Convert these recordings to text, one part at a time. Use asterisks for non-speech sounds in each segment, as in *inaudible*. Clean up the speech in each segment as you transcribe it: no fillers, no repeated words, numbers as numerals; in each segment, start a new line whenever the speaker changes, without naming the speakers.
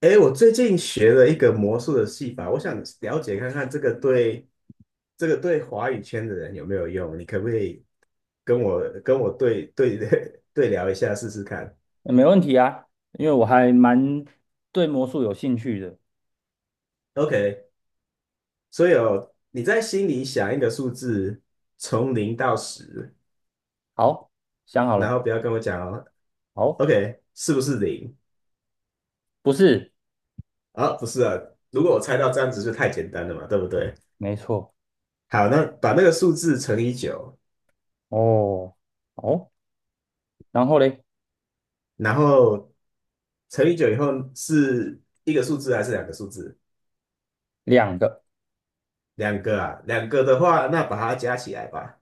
哎，我最近学了一个魔术的戏法，我想了解看看这个对华语圈的人有没有用？你可不可以跟我对对 *laughs* 对聊一下试试看
没问题啊，因为我还蛮对魔术有兴趣的。
？OK，所以哦，你在心里想一个数字，从零到十，
好，想好
然
了。
后不要跟我讲哦。
好。
OK，是不是零？
不是。
啊，不是啊，如果我猜到这样子就太简单了嘛，对不对？
没错。
好，那把那个数字乘以九，
哦。哦，然后嘞？
然后乘以九以后是一个数字还是两个数字？
两个。
两个啊，两个的话，那把它加起来吧。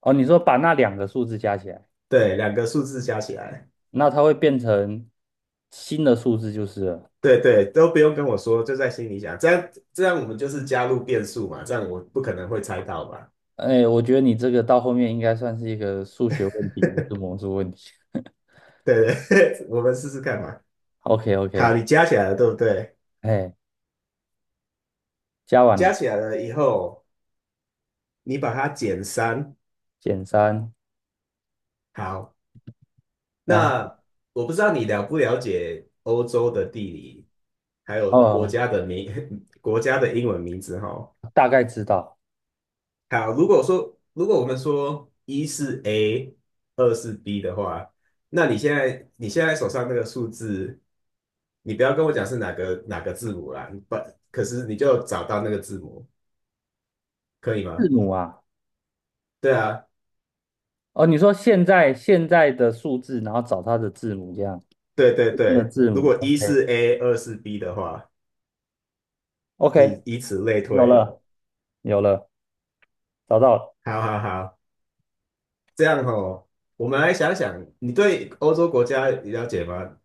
哦，你说把那两个数字加起来，
对，两个数字加起来，
那它会变成新的数字就是了。
对对，都不用跟我说，就在心里想，这样我们就是加入变数嘛，这样我不可能会猜到嘛。
哎，我觉得你这个到后面应该算是一个数学问题，不是魔术问题。*laughs*
对对，*laughs* 我们试试看嘛。
OK
好，
OK。
你加起来了，对不对？
哎，加完
加
了。
起来了以后，你把它减三。
减三。
好，
然
那我不知道你了不了解欧洲的地理，还有
后
国
哦，
家的名 *laughs* 国家的英文名字哈。
大概知道
好，如果说如果我们说一是 A，二是 B 的话，那你现在手上那个数字，你不要跟我讲是哪个字母啦，不，可是你就找到那个字母，可以吗？
字母啊。
对啊，
哦，你说现在现在的数字，然后找它的字母，这样
对对
的
对，
字
如
母
果
，OK
一是 A，二是 B 的话，你
OK。
以此类
有
推。
了有了，找到了。
好好好。这样哦，我们来想想，你对欧洲国家了解吗？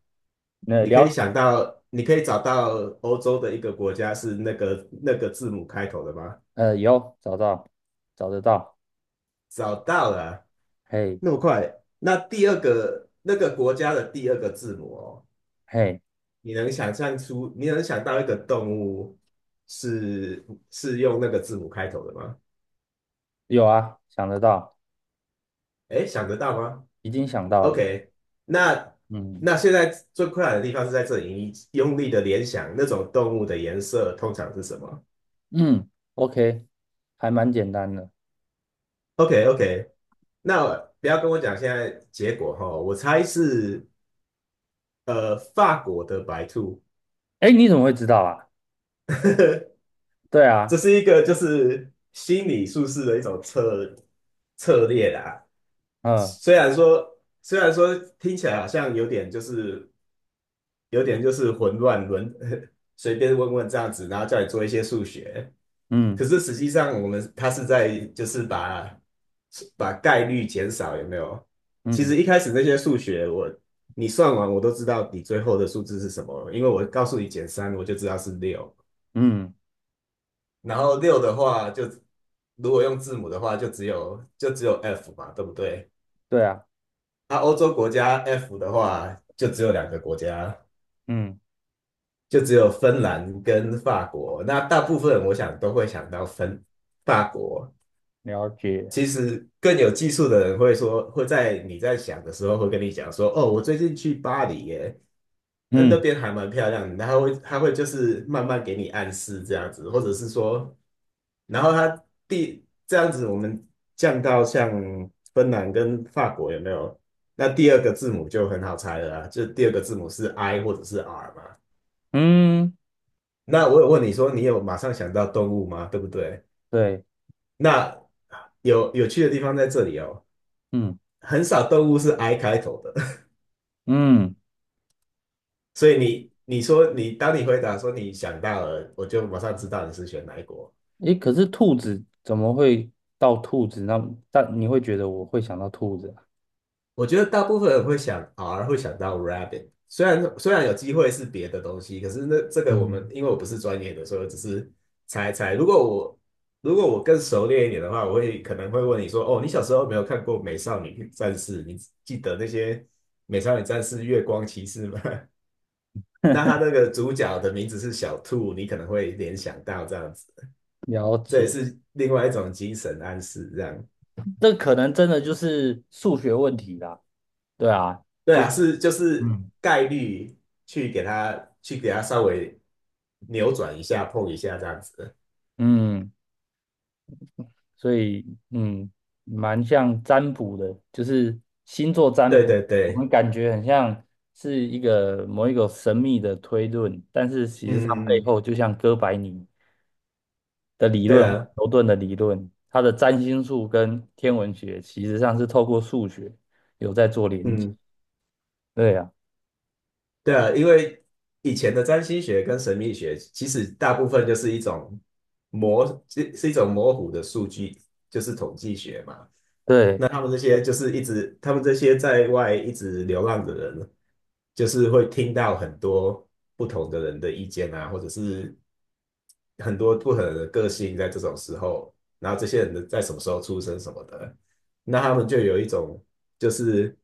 呃，
你可以
了
想到，你可以找到欧洲的一个国家是那个字母开头的吗？
有找到，找得到。
找到了啊，
嘿
那么快。那第二个那个国家的第二个字母哦，
嘿。
你能想象出，你能想到一个动物是用那个字母开头的吗？
有啊，想得到。
诶，想得到吗？
已经想到了。
OK，那
嗯
那现在最困难的地方是在这里，你用力的联想那种动物的颜色通常是什么
嗯。OK。还蛮简单的。
？OK OK，那不要跟我讲现在结果哈，我猜是法国的白兔。
哎，你怎么会知道啊？
*laughs*
对
这
啊。
是一个就是心理术士的一种策略啦。
嗯
虽然说听起来好像有点就是混乱轮 *laughs* 随便问问这样子，然后叫你做一些数学。
嗯
可是实际上，我们他是在就是把概率减少，有没有？其
嗯
实一开始那些数学我，你算完我都知道你最后的数字是什么了，因为我告诉你减三，我就知道是六。
嗯。
然后六的话就，如果用字母的话，就只有 F 嘛，对不对？
对啊。
那欧洲国家 F 的话，就只有两个国家，
嗯。
就只有芬兰跟法国。那大部分我想都会想到法国。
了解。
其实更有技术的人会说，会在你在想的时候会跟你讲说，哦，我最近去巴黎耶，那
嗯
那边还蛮漂亮的。然后会他会就是慢慢给你暗示这样子，或者是说，然后他第这样子我们降到像芬兰跟法国有没有？那第二个字母就很好猜了啊，就第二个字母是 I 或者是 R 嘛。
嗯。
那我有问你说，你有马上想到动物吗？对不对？
对。
那有有趣的地方在这里哦，
嗯
很少动物是 I 开头的。
嗯。
*laughs* 所以你说你当你回答说你想到了，我就马上知道你是选哪一国。
诶，可是兔子怎么会到兔子那？但你会觉得我会想到兔子啊？
我觉得大部分人会想 R，会想到 Rabbit。虽然有机会是别的东西，可是那这个我们
嗯。
因为我不是专业的，所以我只是猜猜。如果我更熟练一点的话，我会可能会问你说：“哦，你小时候有没有看过《美少女战士》？你记得那些《美少女战士》月光骑士吗？” *laughs* 那他
*laughs*
那个主角的名字是小兔，你可能会联想到这样子，
了
这也
解。
是另外一种精神暗示，这样。
这可能真的就是数学问题啦。对啊，
对
就是
啊，是就是
嗯，
概率去给它稍微扭转一下，碰一下这样子。
嗯，所以嗯，蛮像占卜的，就是星座占
对
卜。
对
我们
对，
感觉很像是一个某一个神秘的推论，但是其实它背
嗯，
后就像哥白尼的理
对
论，
啊，
牛顿的理论，它的占星术跟天文学其实上是透过数学有在做连接。
嗯，
对啊。
对啊，因为以前的占星学跟神秘学，其实大部分就是一种是一种模糊的数据，就是统计学嘛。
对。
那他们这些就是一直，他们这些在外一直流浪的人，就是会听到很多不同的人的意见啊，或者是很多不同的个性在这种时候，然后这些人的在什么时候出生什么的，那他们就有就是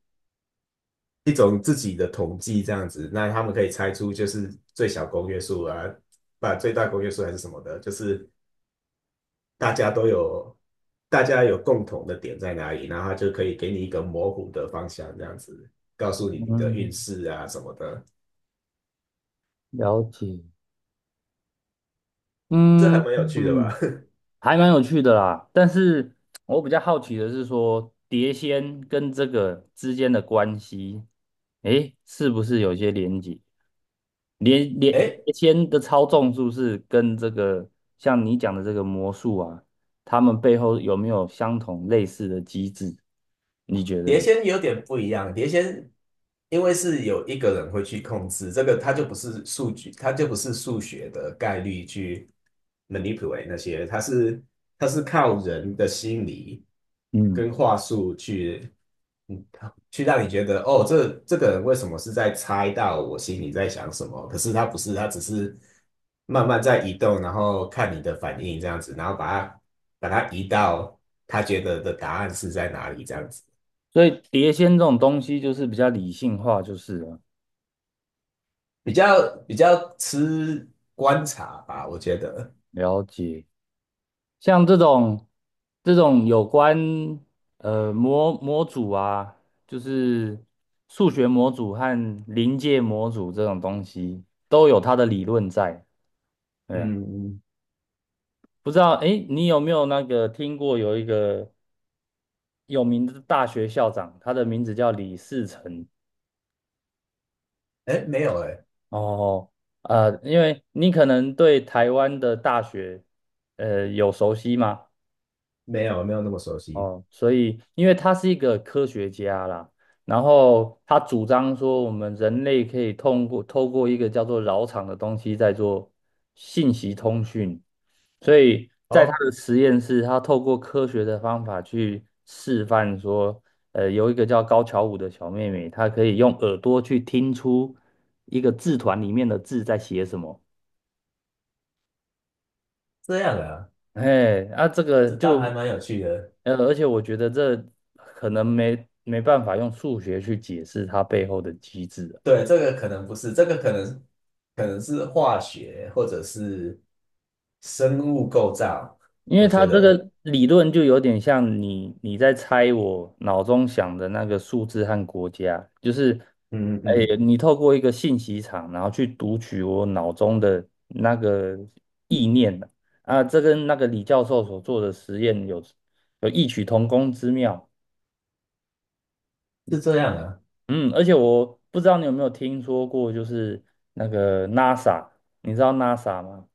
一种自己的统计这样子，那他们可以猜出就是最小公约数啊，把最大公约数还是什么的，就是大家都有大家有共同的点在哪里，然后他就可以给你一个模糊的方向这样子，告诉你你的运
嗯。
势啊什么的，
了解。
这
嗯
还蛮有趣的
嗯。
吧？*laughs*
还蛮有趣的啦。但是我比较好奇的是说，碟仙跟这个之间的关系，诶，是不是有些连接？连连
哎，
连签的操纵是不是跟这个像你讲的这个魔术啊，他们背后有没有相同类似的机制？你觉得
碟
嘞？
仙有点不一样，碟仙因为是有一个人会去控制这个，他就不是数据，他就不是数学的概率去 manipulate 那些，他是靠人的心理
嗯，
跟话术去，嗯，去让你觉得哦，这个人为什么是在猜到我心里在想什么？可是他不是，他只是慢慢在移动，然后看你的反应这样子，然后把它移到他觉得的答案是在哪里这样子。
所以碟仙这种东西就是比较理性化，就是了。
比较吃观察吧，我觉得。
了解。像这种这种有关模组啊，就是数学模组和临界模组这种东西，都有它的理论在。对啊。
嗯，
不知道，哎，你有没有那个听过有一个有名的大学校长，他的名字叫李士成。
哎，没有哎，
哦，呃，因为你可能对台湾的大学，呃，有熟悉吗？
没有没有那么熟悉。
哦，所以因为他是一个科学家啦，然后他主张说我们人类可以通过透过一个叫做扰场的东西在做信息通讯。所以在他
哦，
的实验室，他透过科学的方法去示范说，呃，有一个叫高桥舞的小妹妹，她可以用耳朵去听出一个字团里面的字在写什么。
这样啊，
哎，啊，这个
这倒还
就，
蛮有趣的。
呃，而且我觉得这可能没办法用数学去解释它背后的机制。
对，这个可能不是，这个可能是化学或者是生物构造，
因为
我
他
觉
这
得
个理论就有点像你在猜我脑中想的那个数字和国家，就是，
嗯嗯
哎，
嗯，
你透过一个信息场，然后去读取我脑中的那个意念啊，这跟那个李教授所做的实验有有异曲同工之妙。
是这样啊。
嗯，而且我不知道你有没有听说过，就是那个 NASA，你知道 NASA 吗？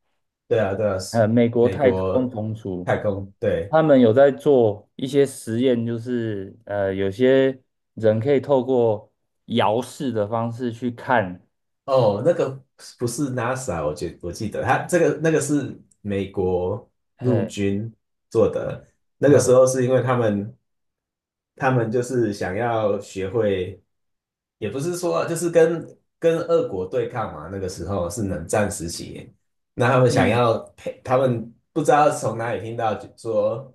对啊，对啊，是
呃，美国
美
太
国
空总署。
太空，对，
他们有在做一些实验，就是呃，有些人可以透过遥视的方式去看。
哦，那个不是 NASA，我记得他这个那个是美国陆
嘿。
军做的，那个时
呃。
候是因为他们就是想要学会，也不是说就是跟俄国对抗嘛，那个时候是冷战时期，那他们想
嗯。
要配，他们不知道从哪里听到说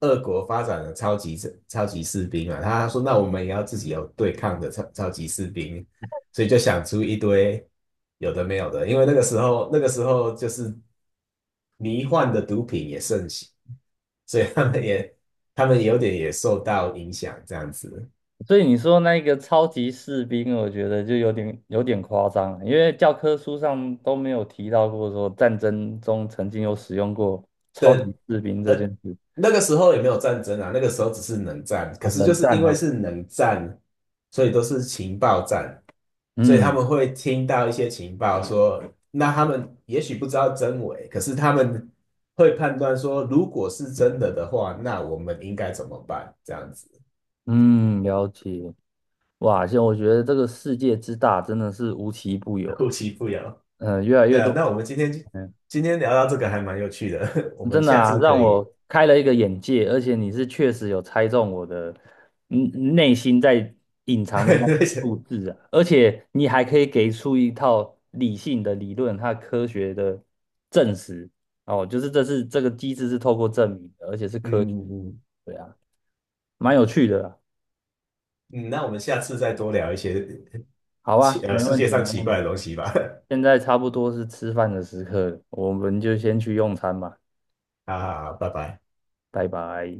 俄国发展了超级士兵啊，他说那我们也要自己有对抗的超级士兵，所以就想出一堆有的没有的，因为那个时候就是迷幻的毒品也盛行，所以他们有点也受到影响这样子。
所以你说那个超级士兵，我觉得就有点有点夸张了因为教科书上都没有提到过说战争中曾经有使用过超级
的
士兵这件事。
那个时候也没有战争啊，那个时候只是冷战。可
啊，
是就
冷
是
战
因为
啊。
是冷战，所以都是情报战，所以他
嗯
们会听到一些情报说，那他们也许不知道真伪，可是他们会判断说，如果是真的的话，那我们应该怎么办？这样子，
嗯。了解。哇，现在我觉得这个世界之大真的是无奇不有，
互其不扰。
嗯、越来越
对啊，那
多。
我们今天
嗯。
今天聊到这个还蛮有趣的，*laughs* 我们
真的
下
啊，
次可
让
以
我开了一个眼界，而且你是确实有猜中我的嗯内心在隐藏的那个数
嗯
字啊，而且你还可以给出一套理性的理论，它科学的证实哦，就是这是这个机制是透过证明的，而且是
嗯。
科学。
*laughs* 嗯
对啊。蛮有趣的啦。
嗯，那我们下次再多聊一些
好啊，没
世
问
界
题，
上
没
奇
问
怪
题。
的东西吧。*laughs*
现在差不多是吃饭的时刻了，我们就先去用餐吧。
好好好，拜拜。
拜拜。